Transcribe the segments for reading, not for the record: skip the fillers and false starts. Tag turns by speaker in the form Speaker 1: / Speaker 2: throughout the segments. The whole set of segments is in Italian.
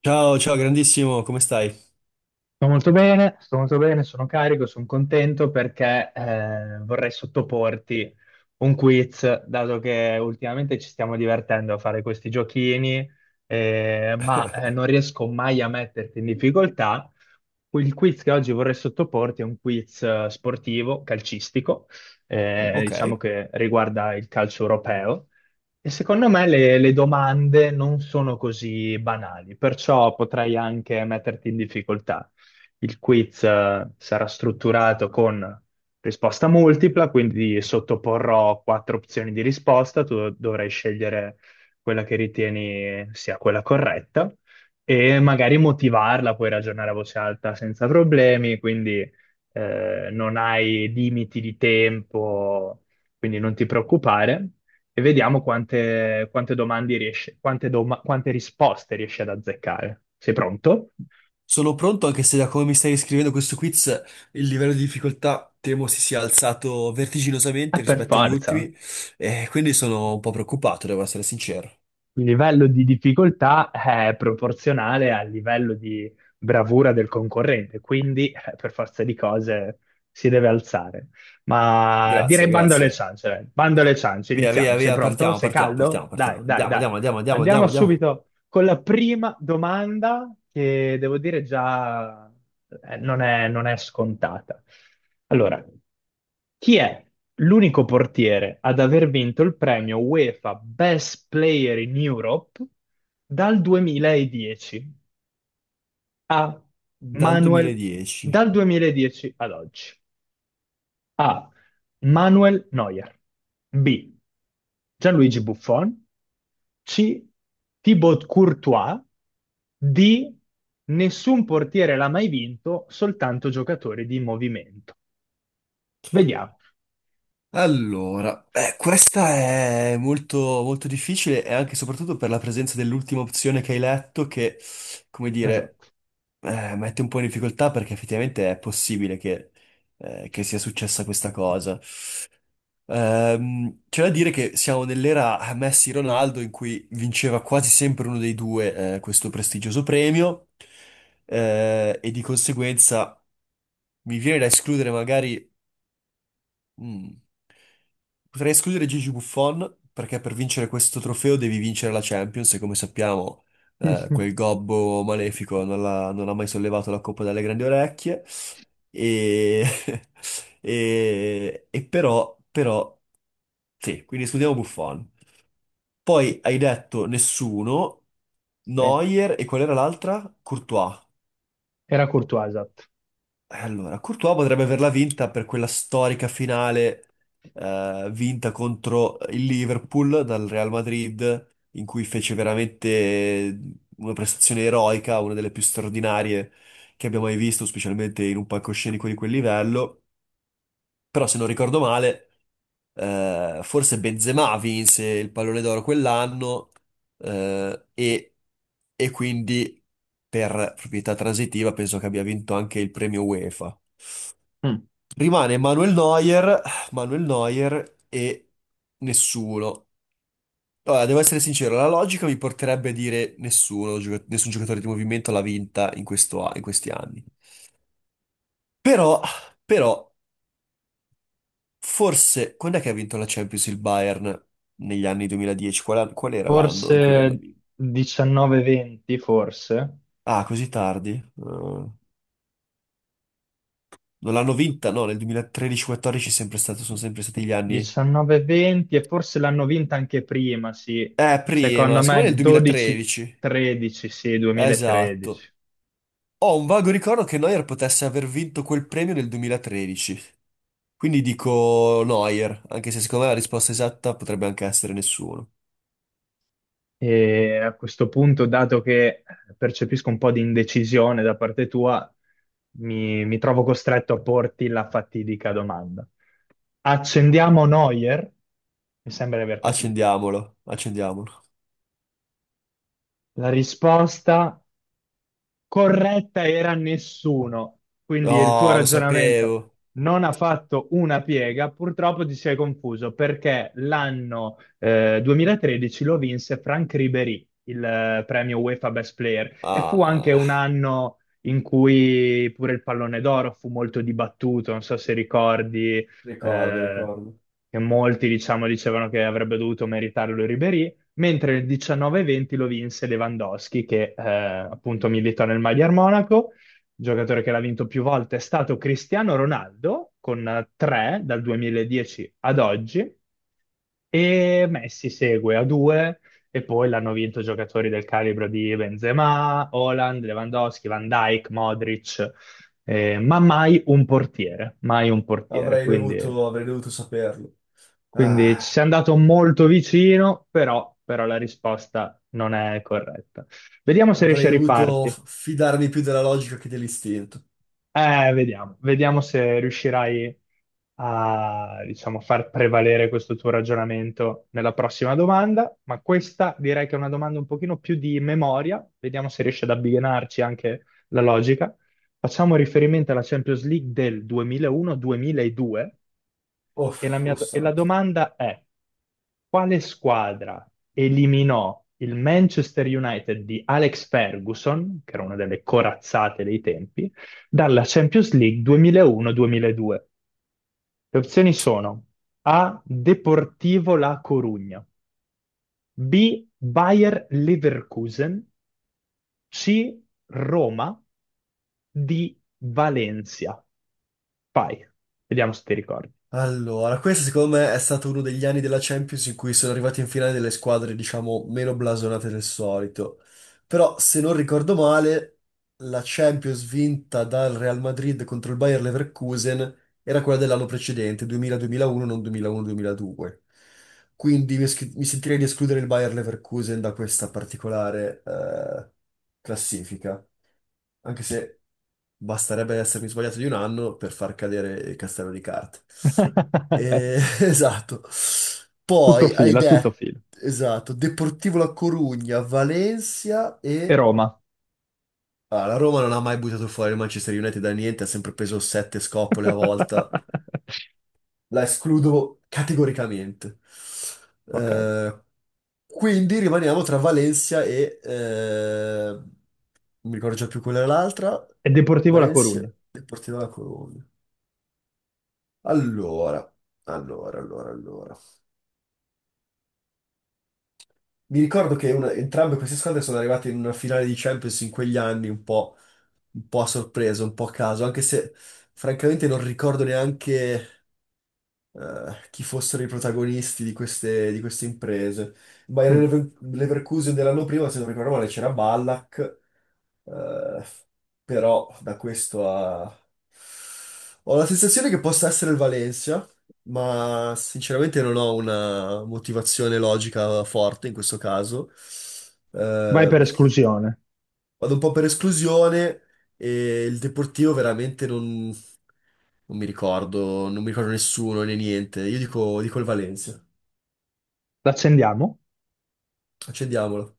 Speaker 1: Ciao, ciao, grandissimo, come stai?
Speaker 2: Sto molto bene, sono carico, sono contento perché vorrei sottoporti un quiz, dato che ultimamente ci stiamo divertendo a fare questi giochini, ma non riesco mai a metterti in difficoltà. Il quiz che oggi vorrei sottoporti è un quiz sportivo, calcistico,
Speaker 1: Ok,
Speaker 2: diciamo che riguarda il calcio europeo. E secondo me le domande non sono così banali, perciò potrei anche metterti in difficoltà. Il quiz, sarà strutturato con risposta multipla, quindi sottoporrò quattro opzioni di risposta, tu dovrai scegliere quella che ritieni sia quella corretta e magari motivarla, puoi ragionare a voce alta senza problemi, quindi non hai limiti di tempo, quindi non ti preoccupare e vediamo quante domande quante risposte riesci ad azzeccare. Sei pronto?
Speaker 1: sono pronto anche se da come mi stai scrivendo questo quiz il livello di difficoltà temo si sia alzato
Speaker 2: Ah,
Speaker 1: vertiginosamente
Speaker 2: per
Speaker 1: rispetto agli
Speaker 2: forza.
Speaker 1: ultimi e quindi sono un po' preoccupato, devo essere sincero.
Speaker 2: Il livello di difficoltà è proporzionale al livello di bravura del concorrente, quindi per forza di cose si deve alzare. Ma direi
Speaker 1: Grazie,
Speaker 2: bando alle
Speaker 1: grazie.
Speaker 2: ciance, dai. Bando alle ciance,
Speaker 1: Via,
Speaker 2: iniziamo.
Speaker 1: via,
Speaker 2: Sei
Speaker 1: via,
Speaker 2: pronto?
Speaker 1: partiamo,
Speaker 2: Sei
Speaker 1: partiamo,
Speaker 2: caldo?
Speaker 1: partiamo,
Speaker 2: Dai,
Speaker 1: partiamo.
Speaker 2: dai,
Speaker 1: Andiamo,
Speaker 2: dai.
Speaker 1: andiamo, andiamo, andiamo,
Speaker 2: Andiamo
Speaker 1: andiamo, andiamo.
Speaker 2: subito con la prima domanda che devo dire già non è scontata. Allora, chi è l'unico portiere ad aver vinto il premio UEFA Best Player in Europe dal 2010 a
Speaker 1: Dal
Speaker 2: Manuel,
Speaker 1: 2010.
Speaker 2: dal 2010 ad oggi? A. Manuel Neuer. B. Gianluigi Buffon. C. Thibaut Courtois. D. Nessun portiere l'ha mai vinto, soltanto giocatori di movimento. Vediamo.
Speaker 1: Allora, questa è molto, molto difficile e anche e soprattutto per la presenza dell'ultima opzione che hai letto che, come dire,
Speaker 2: Esatto.
Speaker 1: mette un po' in difficoltà perché effettivamente è possibile che sia successa questa cosa. C'è da dire che siamo nell'era Messi-Ronaldo in cui vinceva quasi sempre uno dei due, questo prestigioso premio, e di conseguenza mi viene da escludere magari. Mm. Potrei escludere Gigi Buffon perché per vincere questo trofeo devi vincere la Champions e come sappiamo quel gobbo malefico non, non ha mai sollevato la coppa dalle grandi orecchie e, e però, però sì, quindi escludiamo Buffon. Poi hai detto nessuno,
Speaker 2: Eh,
Speaker 1: Neuer e qual era l'altra? Courtois.
Speaker 2: era Courtois, esatto.
Speaker 1: Allora, Courtois potrebbe averla vinta per quella storica finale vinta contro il Liverpool dal Real Madrid, in cui fece veramente una prestazione eroica, una delle più straordinarie che abbiamo mai visto, specialmente in un palcoscenico di quel livello. Però, se non ricordo male, forse Benzema vinse il pallone d'oro quell'anno eh, e, e quindi per proprietà transitiva penso che abbia vinto anche il premio UEFA.
Speaker 2: Mm.
Speaker 1: Rimane Manuel Neuer, Manuel Neuer e nessuno. Allora, devo essere sincero, la logica mi porterebbe a dire nessuno, nessun giocatore di movimento l'ha vinta in questo in questi anni. Però, però, forse, quando è che ha vinto la Champions il Bayern? Negli anni 2010? Qual era l'anno in cui l'hanno
Speaker 2: Forse
Speaker 1: vinta?
Speaker 2: 19-20, forse.
Speaker 1: Ah, così tardi? Non l'hanno vinta? No, nel 2013-14 sono sempre stati gli anni.
Speaker 2: 19-20 e forse l'hanno vinta anche prima, sì. Secondo
Speaker 1: Prima, secondo
Speaker 2: me
Speaker 1: me nel 2013.
Speaker 2: 12-13, sì, 2013.
Speaker 1: Esatto. Ho un vago ricordo che Neuer potesse aver vinto quel premio nel 2013, quindi dico Neuer, anche se secondo me la risposta esatta potrebbe anche essere nessuno.
Speaker 2: E a questo punto, dato che percepisco un po' di indecisione da parte tua, mi trovo costretto a porti la fatidica domanda. Accendiamo Neuer? Mi sembra di aver capito.
Speaker 1: Accendiamolo, accendiamolo.
Speaker 2: La risposta corretta era nessuno. Quindi il tuo
Speaker 1: Oh, lo
Speaker 2: ragionamento
Speaker 1: sapevo.
Speaker 2: non ha fatto una piega. Purtroppo ti sei confuso perché l'anno 2013 lo vinse Franck Ribéry, il premio UEFA Best Player, e fu anche un
Speaker 1: Ah,
Speaker 2: anno in cui pure il pallone d'oro fu molto dibattuto. Non so se ricordi.
Speaker 1: ricordo,
Speaker 2: eh,
Speaker 1: ricordo.
Speaker 2: che molti, diciamo, dicevano che avrebbe dovuto meritarlo Ribéry, mentre nel 19-20 lo vinse Lewandowski, che appunto milita nel Magyar Monaco. Il giocatore che l'ha vinto più volte è stato Cristiano Ronaldo, con tre dal 2010 ad oggi, e Messi segue a due, e poi l'hanno vinto giocatori del calibro di Benzema, Haaland, Lewandowski, Van Dijk, Modric, ma mai un portiere, mai un portiere, quindi...
Speaker 1: Avrei dovuto saperlo.
Speaker 2: Quindi ci
Speaker 1: Ah,
Speaker 2: sei andato molto vicino, però, però la risposta non è corretta. Vediamo se riesci
Speaker 1: avrei
Speaker 2: a
Speaker 1: dovuto
Speaker 2: riparti.
Speaker 1: fidarmi più della logica che dell'istinto.
Speaker 2: Vediamo, vediamo se riuscirai a, diciamo, far prevalere questo tuo ragionamento nella prossima domanda, ma questa direi che è una domanda un pochino più di memoria. Vediamo se riesci ad abbinarci anche la logica. Facciamo riferimento alla Champions League del 2001-2002.
Speaker 1: Oh,
Speaker 2: E la mia,
Speaker 1: oh
Speaker 2: e la
Speaker 1: santo.
Speaker 2: domanda è, quale squadra eliminò il Manchester United di Alex Ferguson, che era una delle corazzate dei tempi, dalla Champions League 2001-2002? Le opzioni sono A. Deportivo La Corugna, B. Bayer Leverkusen, C. Roma, D. Valencia. Vai, vediamo se ti ricordi.
Speaker 1: Allora, questo secondo me è stato uno degli anni della Champions in cui sono arrivati in finale delle squadre, diciamo, meno blasonate del solito. Però, se non ricordo male, la Champions vinta dal Real Madrid contro il Bayer Leverkusen era quella dell'anno precedente, 2000-2001, non 2001-2002. Quindi mi sentirei di escludere il Bayer Leverkusen da questa particolare classifica, anche se basterebbe essermi sbagliato di un anno per far cadere il castello di carte. Esatto.
Speaker 2: Tutto
Speaker 1: Poi hai
Speaker 2: fila, tutto
Speaker 1: detto,
Speaker 2: fila.
Speaker 1: esatto, Deportivo La Corugna, Valencia
Speaker 2: E
Speaker 1: e...
Speaker 2: Roma.
Speaker 1: Ah, la Roma non ha mai buttato fuori il Manchester United da niente, ha sempre preso sette scopole a volta. La escludo categoricamente.
Speaker 2: Ok.
Speaker 1: Eh, quindi rimaniamo tra Valencia e... non mi ricordo già più quella era l'altra.
Speaker 2: È Deportivo La
Speaker 1: Valencia
Speaker 2: Corugna.
Speaker 1: e Porti dalla Colombia. Allora, allora, allora, allora. Mi ricordo che entrambe queste squadre sono arrivate in una finale di Champions in quegli anni un po' a sorpresa, un po' a caso, anche se francamente non ricordo neanche chi fossero i protagonisti di queste imprese.
Speaker 2: Mm.
Speaker 1: Leverkusen dell'anno prima, se non ricordo male, c'era Ballack, eh, però da questo a... ho la sensazione che possa essere il Valencia, ma sinceramente non ho una motivazione logica forte in questo caso.
Speaker 2: Vai
Speaker 1: Eh,
Speaker 2: per esclusione.
Speaker 1: Vado un po' per esclusione e il Deportivo veramente non... non mi ricordo, non mi ricordo nessuno né niente. Dico il Valencia.
Speaker 2: L'accendiamo.
Speaker 1: Accendiamolo.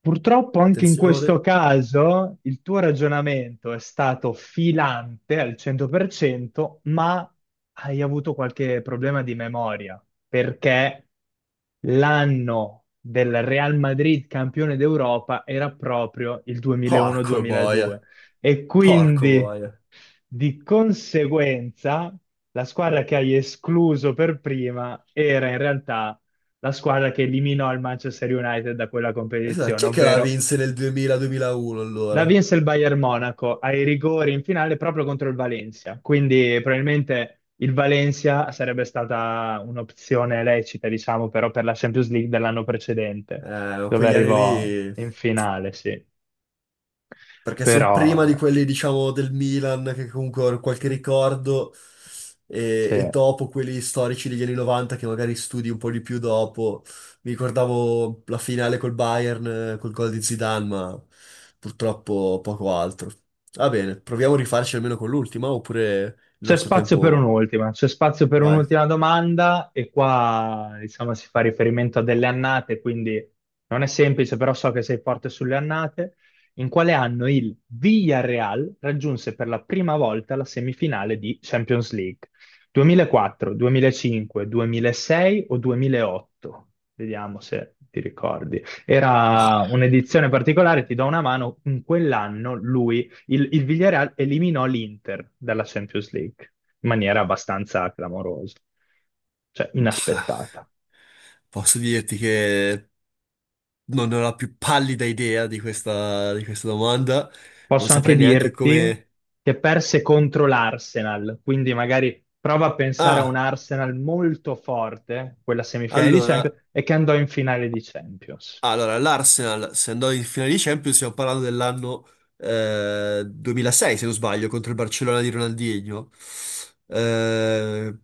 Speaker 2: Purtroppo anche in questo
Speaker 1: Attenzione.
Speaker 2: caso il tuo ragionamento è stato filante al 100%, ma hai avuto qualche problema di memoria, perché l'anno del Real Madrid campione d'Europa era proprio il
Speaker 1: Porco boia.
Speaker 2: 2001-2002 e
Speaker 1: Porco
Speaker 2: quindi
Speaker 1: boia.
Speaker 2: di conseguenza, la squadra che hai escluso per prima era in realtà la squadra che eliminò il Manchester United da quella
Speaker 1: Esatto,
Speaker 2: competizione,
Speaker 1: chi è che la
Speaker 2: ovvero
Speaker 1: vinse nel 2000-2001
Speaker 2: la
Speaker 1: allora?
Speaker 2: vinse il Bayern Monaco ai rigori in finale proprio contro il Valencia. Quindi probabilmente il Valencia sarebbe stata un'opzione lecita, diciamo, però per la Champions League dell'anno precedente, dove
Speaker 1: Quegli anni
Speaker 2: arrivò
Speaker 1: lì,
Speaker 2: in finale, sì.
Speaker 1: perché sono
Speaker 2: Però,
Speaker 1: prima di quelli, diciamo, del Milan, che comunque hanno qualche ricordo,
Speaker 2: sì.
Speaker 1: e dopo quelli storici degli anni 90, che magari studi un po' di più dopo. Mi ricordavo la finale col Bayern, col gol di Zidane, ma purtroppo poco altro. Va bene, proviamo a rifarci almeno con l'ultima, oppure il
Speaker 2: C'è
Speaker 1: nostro
Speaker 2: spazio per
Speaker 1: tempo...
Speaker 2: un'ultima, c'è spazio per
Speaker 1: Vai.
Speaker 2: un'ultima domanda e qua diciamo si fa riferimento a delle annate, quindi non è semplice, però so che sei forte sulle annate. In quale anno il Villarreal raggiunse per la prima volta la semifinale di Champions League? 2004, 2005, 2006 o 2008? Vediamo se ti ricordi. Era
Speaker 1: Ah,
Speaker 2: un'edizione particolare, ti do una mano, in quell'anno lui il Villarreal eliminò l'Inter dalla Champions League in maniera abbastanza clamorosa, cioè inaspettata.
Speaker 1: posso dirti che non ho la più pallida idea di questa domanda. Non
Speaker 2: Posso anche
Speaker 1: saprei neanche
Speaker 2: dirti
Speaker 1: come.
Speaker 2: che perse contro l'Arsenal, quindi magari prova a pensare a un
Speaker 1: Ah!
Speaker 2: Arsenal molto forte, quella semifinale di
Speaker 1: Allora,
Speaker 2: Champions, e che andò in finale di Champions.
Speaker 1: allora, l'Arsenal, se andò in finale di Champions, stiamo parlando dell'anno 2006, se non sbaglio, contro il Barcellona di Ronaldinho. Eh,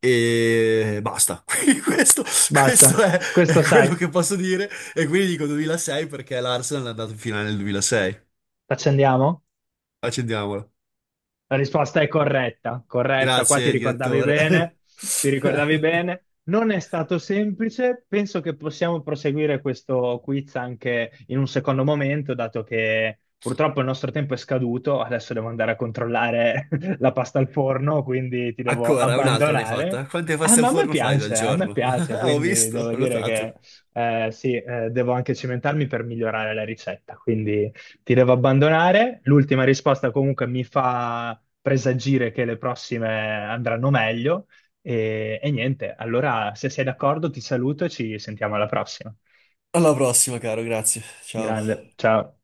Speaker 1: e basta.
Speaker 2: Basta,
Speaker 1: Questo è
Speaker 2: questo
Speaker 1: quello
Speaker 2: sai,
Speaker 1: che posso dire. E quindi dico 2006 perché l'Arsenal è andato in finale nel 2006.
Speaker 2: accendiamo?
Speaker 1: Accendiamola.
Speaker 2: La risposta è corretta, corretta, qua ti
Speaker 1: Grazie,
Speaker 2: ricordavi
Speaker 1: direttore.
Speaker 2: bene, ti ricordavi bene. Non è stato semplice, penso che possiamo proseguire questo quiz anche in un secondo momento, dato che purtroppo il nostro tempo è scaduto, adesso devo andare a controllare la pasta al forno, quindi ti devo
Speaker 1: Ancora, un'altra ne hai
Speaker 2: abbandonare.
Speaker 1: fatta. Quante
Speaker 2: Eh,
Speaker 1: paste al
Speaker 2: ma
Speaker 1: forno fai dal
Speaker 2: a me
Speaker 1: giorno?
Speaker 2: piace,
Speaker 1: Ho
Speaker 2: quindi
Speaker 1: visto,
Speaker 2: devo
Speaker 1: ho
Speaker 2: dire che
Speaker 1: notato.
Speaker 2: sì, devo anche cimentarmi per migliorare la ricetta, quindi ti devo abbandonare. L'ultima risposta comunque mi fa presagire che le prossime andranno meglio. E niente, allora se sei d'accordo ti saluto e ci sentiamo alla prossima.
Speaker 1: Alla prossima, caro, grazie. Ciao.
Speaker 2: Grande, ciao.